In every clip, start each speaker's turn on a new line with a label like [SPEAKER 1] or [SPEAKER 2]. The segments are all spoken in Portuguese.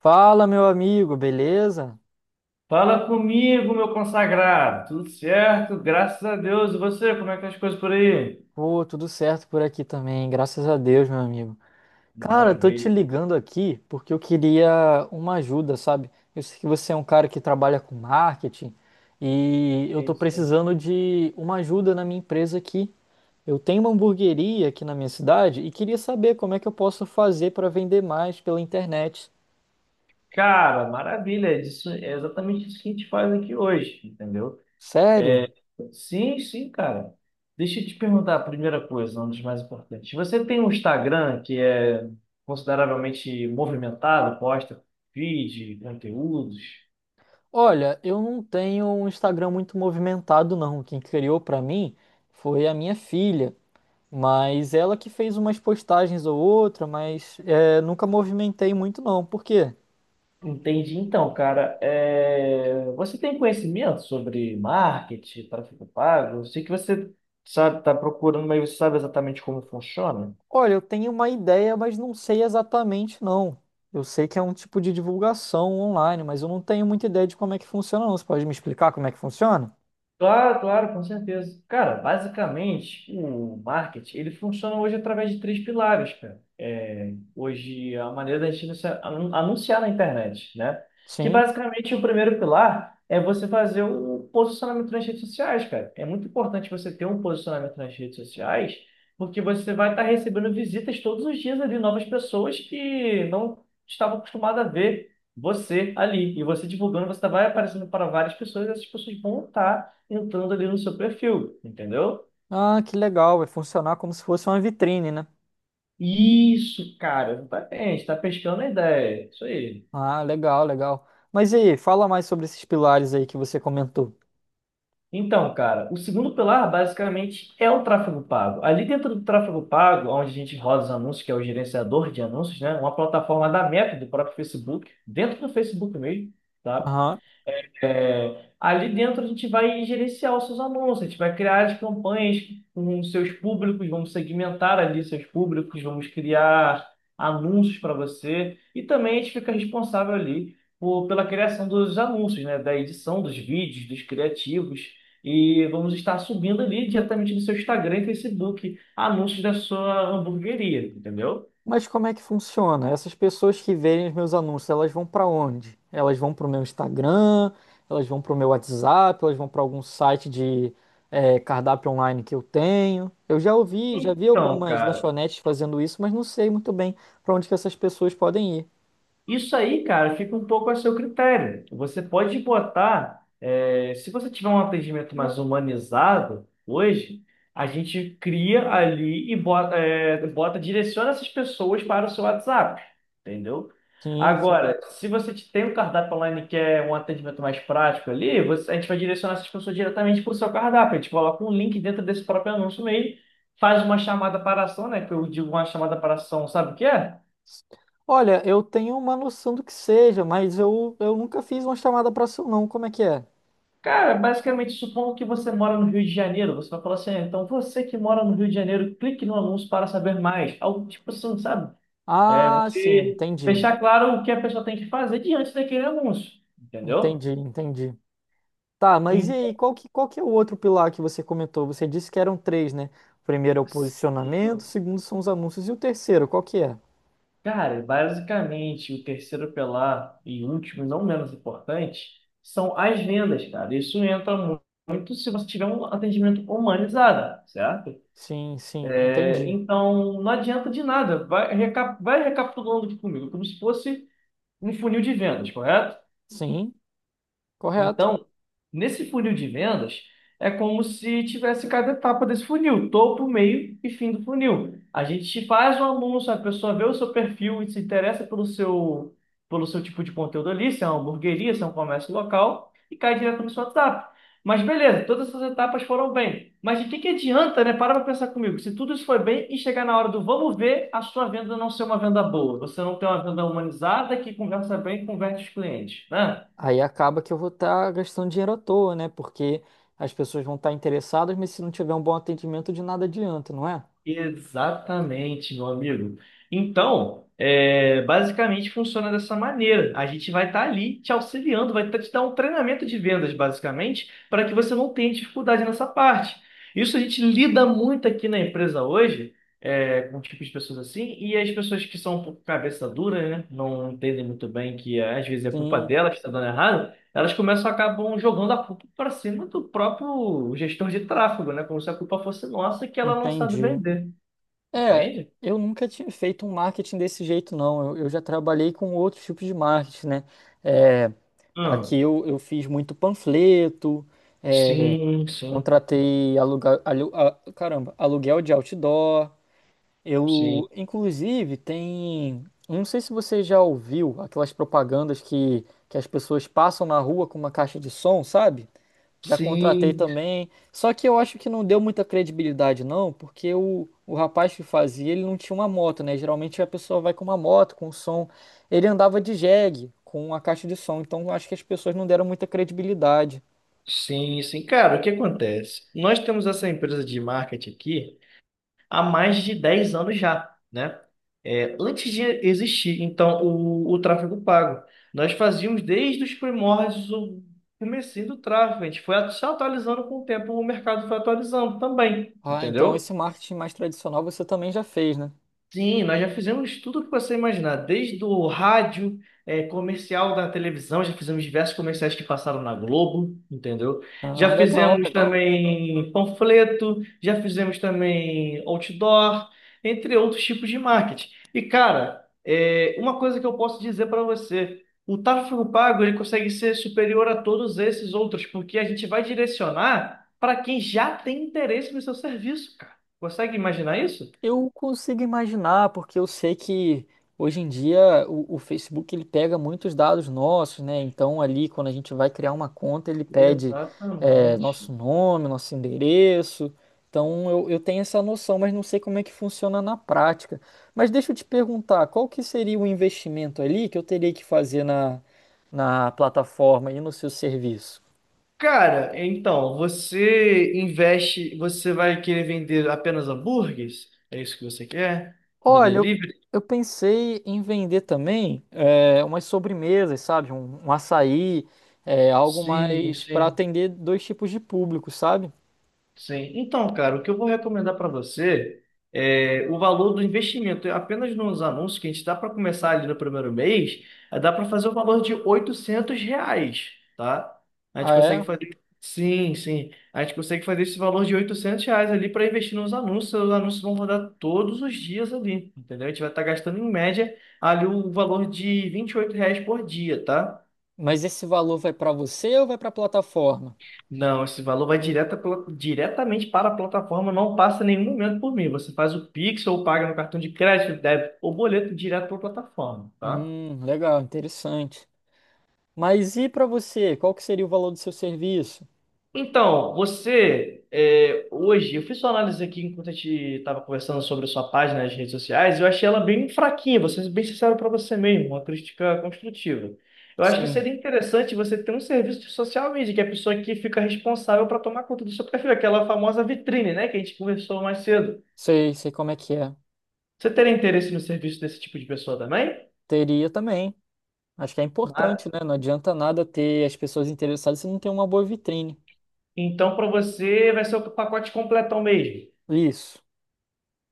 [SPEAKER 1] Fala, meu amigo, beleza?
[SPEAKER 2] Fala comigo, meu consagrado. Tudo certo? Graças a Deus. E você, como é que tá as coisas por aí?
[SPEAKER 1] Pô, tudo certo por aqui também, graças a Deus, meu amigo. Cara, eu tô te
[SPEAKER 2] Maravilha.
[SPEAKER 1] ligando aqui porque eu queria uma ajuda, sabe? Eu sei que você é um cara que trabalha com marketing e eu tô
[SPEAKER 2] Isso.
[SPEAKER 1] precisando de uma ajuda na minha empresa aqui. Eu tenho uma hamburgueria aqui na minha cidade e queria saber como é que eu posso fazer para vender mais pela internet.
[SPEAKER 2] Cara, maravilha. Isso é exatamente isso que a gente faz aqui hoje, entendeu? É,
[SPEAKER 1] Sério?
[SPEAKER 2] sim, sim, cara. Deixa eu te perguntar a primeira coisa, uma das mais importantes. Você tem um Instagram que é consideravelmente movimentado, posta feed, conteúdos?
[SPEAKER 1] Olha, eu não tenho um Instagram muito movimentado, não. Quem criou pra mim foi a minha filha. Mas ela que fez umas postagens ou outra, mas nunca movimentei muito não. Por quê?
[SPEAKER 2] Entendi. Então, cara, você tem conhecimento sobre marketing, tráfego pago? Eu sei que você sabe, está procurando, mas você sabe exatamente como funciona?
[SPEAKER 1] Olha, eu tenho uma ideia, mas não sei exatamente não. Eu sei que é um tipo de divulgação online, mas eu não tenho muita ideia de como é que funciona não. Você pode me explicar como é que funciona?
[SPEAKER 2] Claro, claro, com certeza. Cara, basicamente, o marketing, ele funciona hoje através de três pilares, cara. É, hoje, a maneira da gente anunciar na internet, né? Que
[SPEAKER 1] Sim.
[SPEAKER 2] basicamente o primeiro pilar é você fazer um posicionamento nas redes sociais, cara. É muito importante você ter um posicionamento nas redes sociais, porque você vai estar recebendo visitas todos os dias ali, novas pessoas que não estavam acostumadas a ver você ali. E você divulgando, você vai aparecendo para várias pessoas, e essas pessoas vão estar entrando ali no seu perfil, entendeu?
[SPEAKER 1] Ah, que legal. Vai funcionar como se fosse uma vitrine, né?
[SPEAKER 2] Isso, cara, exatamente, tá pescando a ideia, isso aí.
[SPEAKER 1] Ah, legal, legal. Mas e aí, fala mais sobre esses pilares aí que você comentou.
[SPEAKER 2] Então, cara, o segundo pilar basicamente é o tráfego pago. Ali dentro do tráfego pago, onde a gente roda os anúncios, que é o gerenciador de anúncios, né? Uma plataforma da Meta, do próprio Facebook, dentro do Facebook mesmo, tá?
[SPEAKER 1] Aham.
[SPEAKER 2] É, ali dentro a gente vai gerenciar os seus anúncios, a gente vai criar as campanhas com os seus públicos, vamos segmentar ali seus públicos, vamos criar anúncios para você e também a gente fica responsável ali por, pela criação dos anúncios, né, da edição dos vídeos, dos criativos e vamos estar subindo ali diretamente no seu Instagram e Facebook anúncios da sua hamburgueria, entendeu?
[SPEAKER 1] Mas como é que funciona? Essas pessoas que verem os meus anúncios, elas vão para onde? Elas vão para o meu Instagram, elas vão para o meu WhatsApp, elas vão para algum site de cardápio online que eu tenho. Eu já ouvi, já vi
[SPEAKER 2] Então,
[SPEAKER 1] algumas
[SPEAKER 2] cara.
[SPEAKER 1] lanchonetes fazendo isso, mas não sei muito bem para onde que essas pessoas podem ir.
[SPEAKER 2] Isso aí, cara, fica um pouco a seu critério. Você pode botar, se você tiver um atendimento mais humanizado hoje, a gente cria ali e direciona essas pessoas para o seu WhatsApp, entendeu?
[SPEAKER 1] Sim, sim.
[SPEAKER 2] Agora, se você te- tem um cardápio online que é um atendimento mais prático ali, a gente vai direcionar essas pessoas diretamente para o seu cardápio. A gente coloca um link dentro desse próprio anúncio mesmo, faz uma chamada para ação, né? Que eu digo uma chamada para ação, sabe o que é?
[SPEAKER 1] Olha, eu tenho uma noção do que seja, mas eu nunca fiz uma chamada para seu não. Como é que é?
[SPEAKER 2] Cara, basicamente, supondo que você mora no Rio de Janeiro, você vai falar assim, "Ah, então você que mora no Rio de Janeiro, clique no anúncio para saber mais." Algo tipo assim, sabe? É,
[SPEAKER 1] Ah, sim,
[SPEAKER 2] você
[SPEAKER 1] entendi.
[SPEAKER 2] deixar claro o que a pessoa tem que fazer diante daquele anúncio, entendeu?
[SPEAKER 1] Entendi, entendi. Tá, mas e
[SPEAKER 2] Então,
[SPEAKER 1] aí, qual que é o outro pilar que você comentou? Você disse que eram três, né? O primeiro é o posicionamento, o segundo são os anúncios e o terceiro, qual que é?
[SPEAKER 2] cara, basicamente, o terceiro pilar e último, e não menos importante, são as vendas, cara. Muito se você tiver um atendimento humanizado, certo?
[SPEAKER 1] Sim, sim, entendi.
[SPEAKER 2] Então, não adianta de nada. Vai recapitulando aqui comigo, como se fosse um funil de vendas, correto?
[SPEAKER 1] Sim, correto.
[SPEAKER 2] Então, nesse funil de vendas, é como se tivesse cada etapa desse funil, topo, meio e fim do funil. A gente faz um anúncio, a pessoa vê o seu perfil e se interessa pelo seu tipo de conteúdo ali, se é uma hamburgueria, se é um comércio local, e cai direto no seu WhatsApp. Mas beleza, todas essas etapas foram bem. Mas de que adianta, né? Para pensar comigo. Se tudo isso foi bem e chegar na hora do vamos ver, a sua venda não ser uma venda boa. Você não tem uma venda humanizada que conversa bem e converte os clientes, né?
[SPEAKER 1] Aí acaba que eu vou estar gastando dinheiro à toa, né? Porque as pessoas vão estar interessadas, mas se não tiver um bom atendimento, de nada adianta, não é?
[SPEAKER 2] Exatamente, meu amigo. Então, basicamente funciona dessa maneira. A gente vai estar ali te auxiliando, te dar um treinamento de vendas, basicamente, para que você não tenha dificuldade nessa parte. Isso a gente lida muito aqui na empresa hoje, com tipos de pessoas assim, e as pessoas que são um pouco cabeça dura, né? Não entendem muito bem que às vezes é culpa
[SPEAKER 1] Sim,
[SPEAKER 2] dela que está dando errado. Elas começam acabam jogando a culpa para cima do próprio gestor de tráfego, né? Como se a culpa fosse nossa que ela não sabe
[SPEAKER 1] entendi.
[SPEAKER 2] vender,
[SPEAKER 1] É,
[SPEAKER 2] entende?
[SPEAKER 1] eu nunca tinha feito um marketing desse jeito, não. Eu já trabalhei com outros tipos de marketing, né? É, aqui
[SPEAKER 2] Hum.
[SPEAKER 1] eu fiz muito panfleto.
[SPEAKER 2] Sim, sim,
[SPEAKER 1] Contratei caramba, aluguel de outdoor.
[SPEAKER 2] sim.
[SPEAKER 1] Eu, inclusive, tem. Eu Não sei se você já ouviu aquelas propagandas que as pessoas passam na rua com uma caixa de som, sabe? Já contratei
[SPEAKER 2] Sim,
[SPEAKER 1] também. Só que eu acho que não deu muita credibilidade, não, porque o rapaz que fazia, ele não tinha uma moto, né? Geralmente a pessoa vai com uma moto, com um som. Ele andava de jegue, com a caixa de som. Então eu acho que as pessoas não deram muita credibilidade.
[SPEAKER 2] sim, sim. Cara, o que acontece? Nós temos essa empresa de marketing aqui há mais de 10 anos já, né? É, antes de existir, então, o tráfego pago. Nós fazíamos desde os primórdios o comecinho do tráfego. A gente foi se atualizando com o tempo, o mercado foi atualizando também,
[SPEAKER 1] Ah, então
[SPEAKER 2] entendeu?
[SPEAKER 1] esse marketing mais tradicional você também já fez, né?
[SPEAKER 2] Sim, nós já fizemos tudo que você imaginar, desde o rádio, comercial da televisão, já fizemos diversos comerciais que passaram na Globo, entendeu?
[SPEAKER 1] Ah,
[SPEAKER 2] Já
[SPEAKER 1] legal,
[SPEAKER 2] fizemos
[SPEAKER 1] legal.
[SPEAKER 2] também panfleto, já fizemos também outdoor, entre outros tipos de marketing. E, cara, uma coisa que eu posso dizer para você, o tráfego pago ele consegue ser superior a todos esses outros, porque a gente vai direcionar para quem já tem interesse no seu serviço, cara. Consegue imaginar isso?
[SPEAKER 1] Eu consigo imaginar, porque eu sei que hoje em dia o Facebook ele pega muitos dados nossos, né? Então ali quando a gente vai criar uma conta, ele pede nosso
[SPEAKER 2] Exatamente.
[SPEAKER 1] nome, nosso endereço. Então eu tenho essa noção, mas não sei como é que funciona na prática. Mas deixa eu te perguntar, qual que seria o investimento ali que eu teria que fazer na plataforma e no seu serviço?
[SPEAKER 2] Cara, então, você investe, você vai querer vender apenas hambúrgueres? É isso que você quer? No
[SPEAKER 1] Olha, eu,
[SPEAKER 2] delivery?
[SPEAKER 1] eu pensei em vender também umas sobremesas, sabe? Um açaí, algo
[SPEAKER 2] Sim,
[SPEAKER 1] mais para
[SPEAKER 2] sim.
[SPEAKER 1] atender dois tipos de público, sabe?
[SPEAKER 2] Sim. Então, cara, o que eu vou recomendar para você é o valor do investimento. Apenas nos anúncios que a gente dá para começar ali no primeiro mês, dá para fazer o valor de R$ 800, tá? A gente
[SPEAKER 1] Ah,
[SPEAKER 2] consegue
[SPEAKER 1] é?
[SPEAKER 2] fazer. Sim, sim. A gente consegue fazer esse valor de R$ 800 ali para investir nos anúncios. Os anúncios vão rodar todos os dias ali, entendeu? A gente vai estar gastando em média ali o valor de R$ 28 por dia, tá?
[SPEAKER 1] Mas esse valor vai para você ou vai para a plataforma?
[SPEAKER 2] Não, esse valor vai direta pela- diretamente para a plataforma, não passa em nenhum momento por mim. Você faz o Pix ou paga no cartão de crédito, débito ou boleto direto para a plataforma, tá?
[SPEAKER 1] Legal, interessante. Mas e para você? Qual que seria o valor do seu serviço?
[SPEAKER 2] Então, hoje, eu fiz sua análise aqui enquanto a gente estava conversando sobre a sua página nas redes sociais, eu achei ela bem fraquinha, vou ser bem sincero para você mesmo, uma crítica construtiva. Eu acho que
[SPEAKER 1] Sim,
[SPEAKER 2] seria interessante você ter um serviço de social media, que é a pessoa que fica responsável para tomar conta do seu perfil, aquela famosa vitrine, né, que a gente conversou mais cedo.
[SPEAKER 1] sei, sei como é que é.
[SPEAKER 2] Você teria interesse no serviço desse tipo de pessoa também?
[SPEAKER 1] Teria também. Acho que é importante,
[SPEAKER 2] Mara-
[SPEAKER 1] né? Não adianta nada ter as pessoas interessadas se não tem uma boa vitrine.
[SPEAKER 2] Então, para você, vai ser o pacote completão mesmo.
[SPEAKER 1] Isso.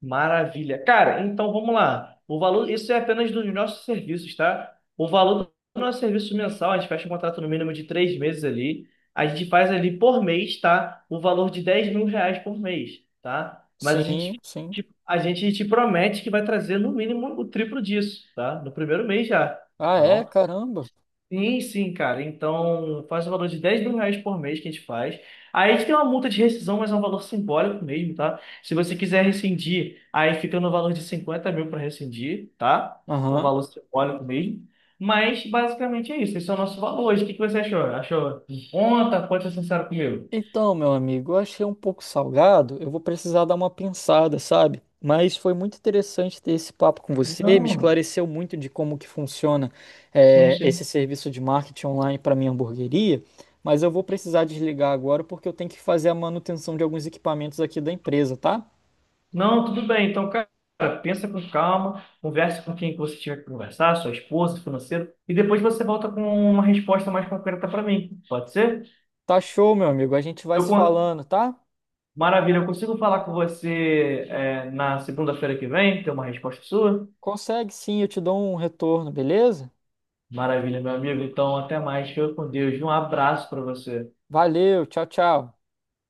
[SPEAKER 2] Maravilha. Cara, então vamos lá. O valor, isso é apenas dos nossos serviços, tá? O valor do nosso serviço mensal, a gente fecha um contrato no mínimo de 3 meses ali. A gente faz ali por mês, tá? O valor de R$ 10.000 por mês, tá? Mas a gente,
[SPEAKER 1] Sim, sim.
[SPEAKER 2] a gente te promete que vai trazer no mínimo o triplo disso, tá? No primeiro mês já,
[SPEAKER 1] Ah,
[SPEAKER 2] tá
[SPEAKER 1] é?
[SPEAKER 2] bom?
[SPEAKER 1] Caramba.
[SPEAKER 2] Sim, sim, cara. Então, faz o valor de R$ 10.000 por mês que a gente faz. Aí a gente tem uma multa de rescisão, mas é um valor simbólico mesmo, tá? Se você quiser rescindir, aí fica no valor de 50 mil para rescindir, tá? Um
[SPEAKER 1] Aham.
[SPEAKER 2] valor simbólico mesmo. Mas, basicamente, é isso. Esse é o nosso valor hoje. O que que você achou? Achou em conta? Pode ser sincero comigo.
[SPEAKER 1] Então, meu amigo, eu achei um pouco salgado. Eu vou precisar dar uma pensada, sabe? Mas foi muito interessante ter esse papo com você. Me
[SPEAKER 2] Não.
[SPEAKER 1] esclareceu muito de como que funciona,
[SPEAKER 2] Sim,
[SPEAKER 1] esse
[SPEAKER 2] sim.
[SPEAKER 1] serviço de marketing online para minha hamburgueria. Mas eu vou precisar desligar agora porque eu tenho que fazer a manutenção de alguns equipamentos aqui da empresa, tá?
[SPEAKER 2] Não, tudo bem. Então, cara, pensa com calma, converse com quem que você tiver que conversar, sua esposa, financeiro, e depois você volta com uma resposta mais concreta para mim. Pode ser?
[SPEAKER 1] Tá show, meu amigo. A gente vai
[SPEAKER 2] Eu,
[SPEAKER 1] se
[SPEAKER 2] con-
[SPEAKER 1] falando, tá?
[SPEAKER 2] Maravilha, eu consigo falar com você na segunda-feira que vem, ter uma resposta sua?
[SPEAKER 1] Consegue sim, eu te dou um retorno, beleza?
[SPEAKER 2] Maravilha, meu amigo. Então, até mais. Fica com Deus. Um abraço para você.
[SPEAKER 1] Valeu, tchau, tchau.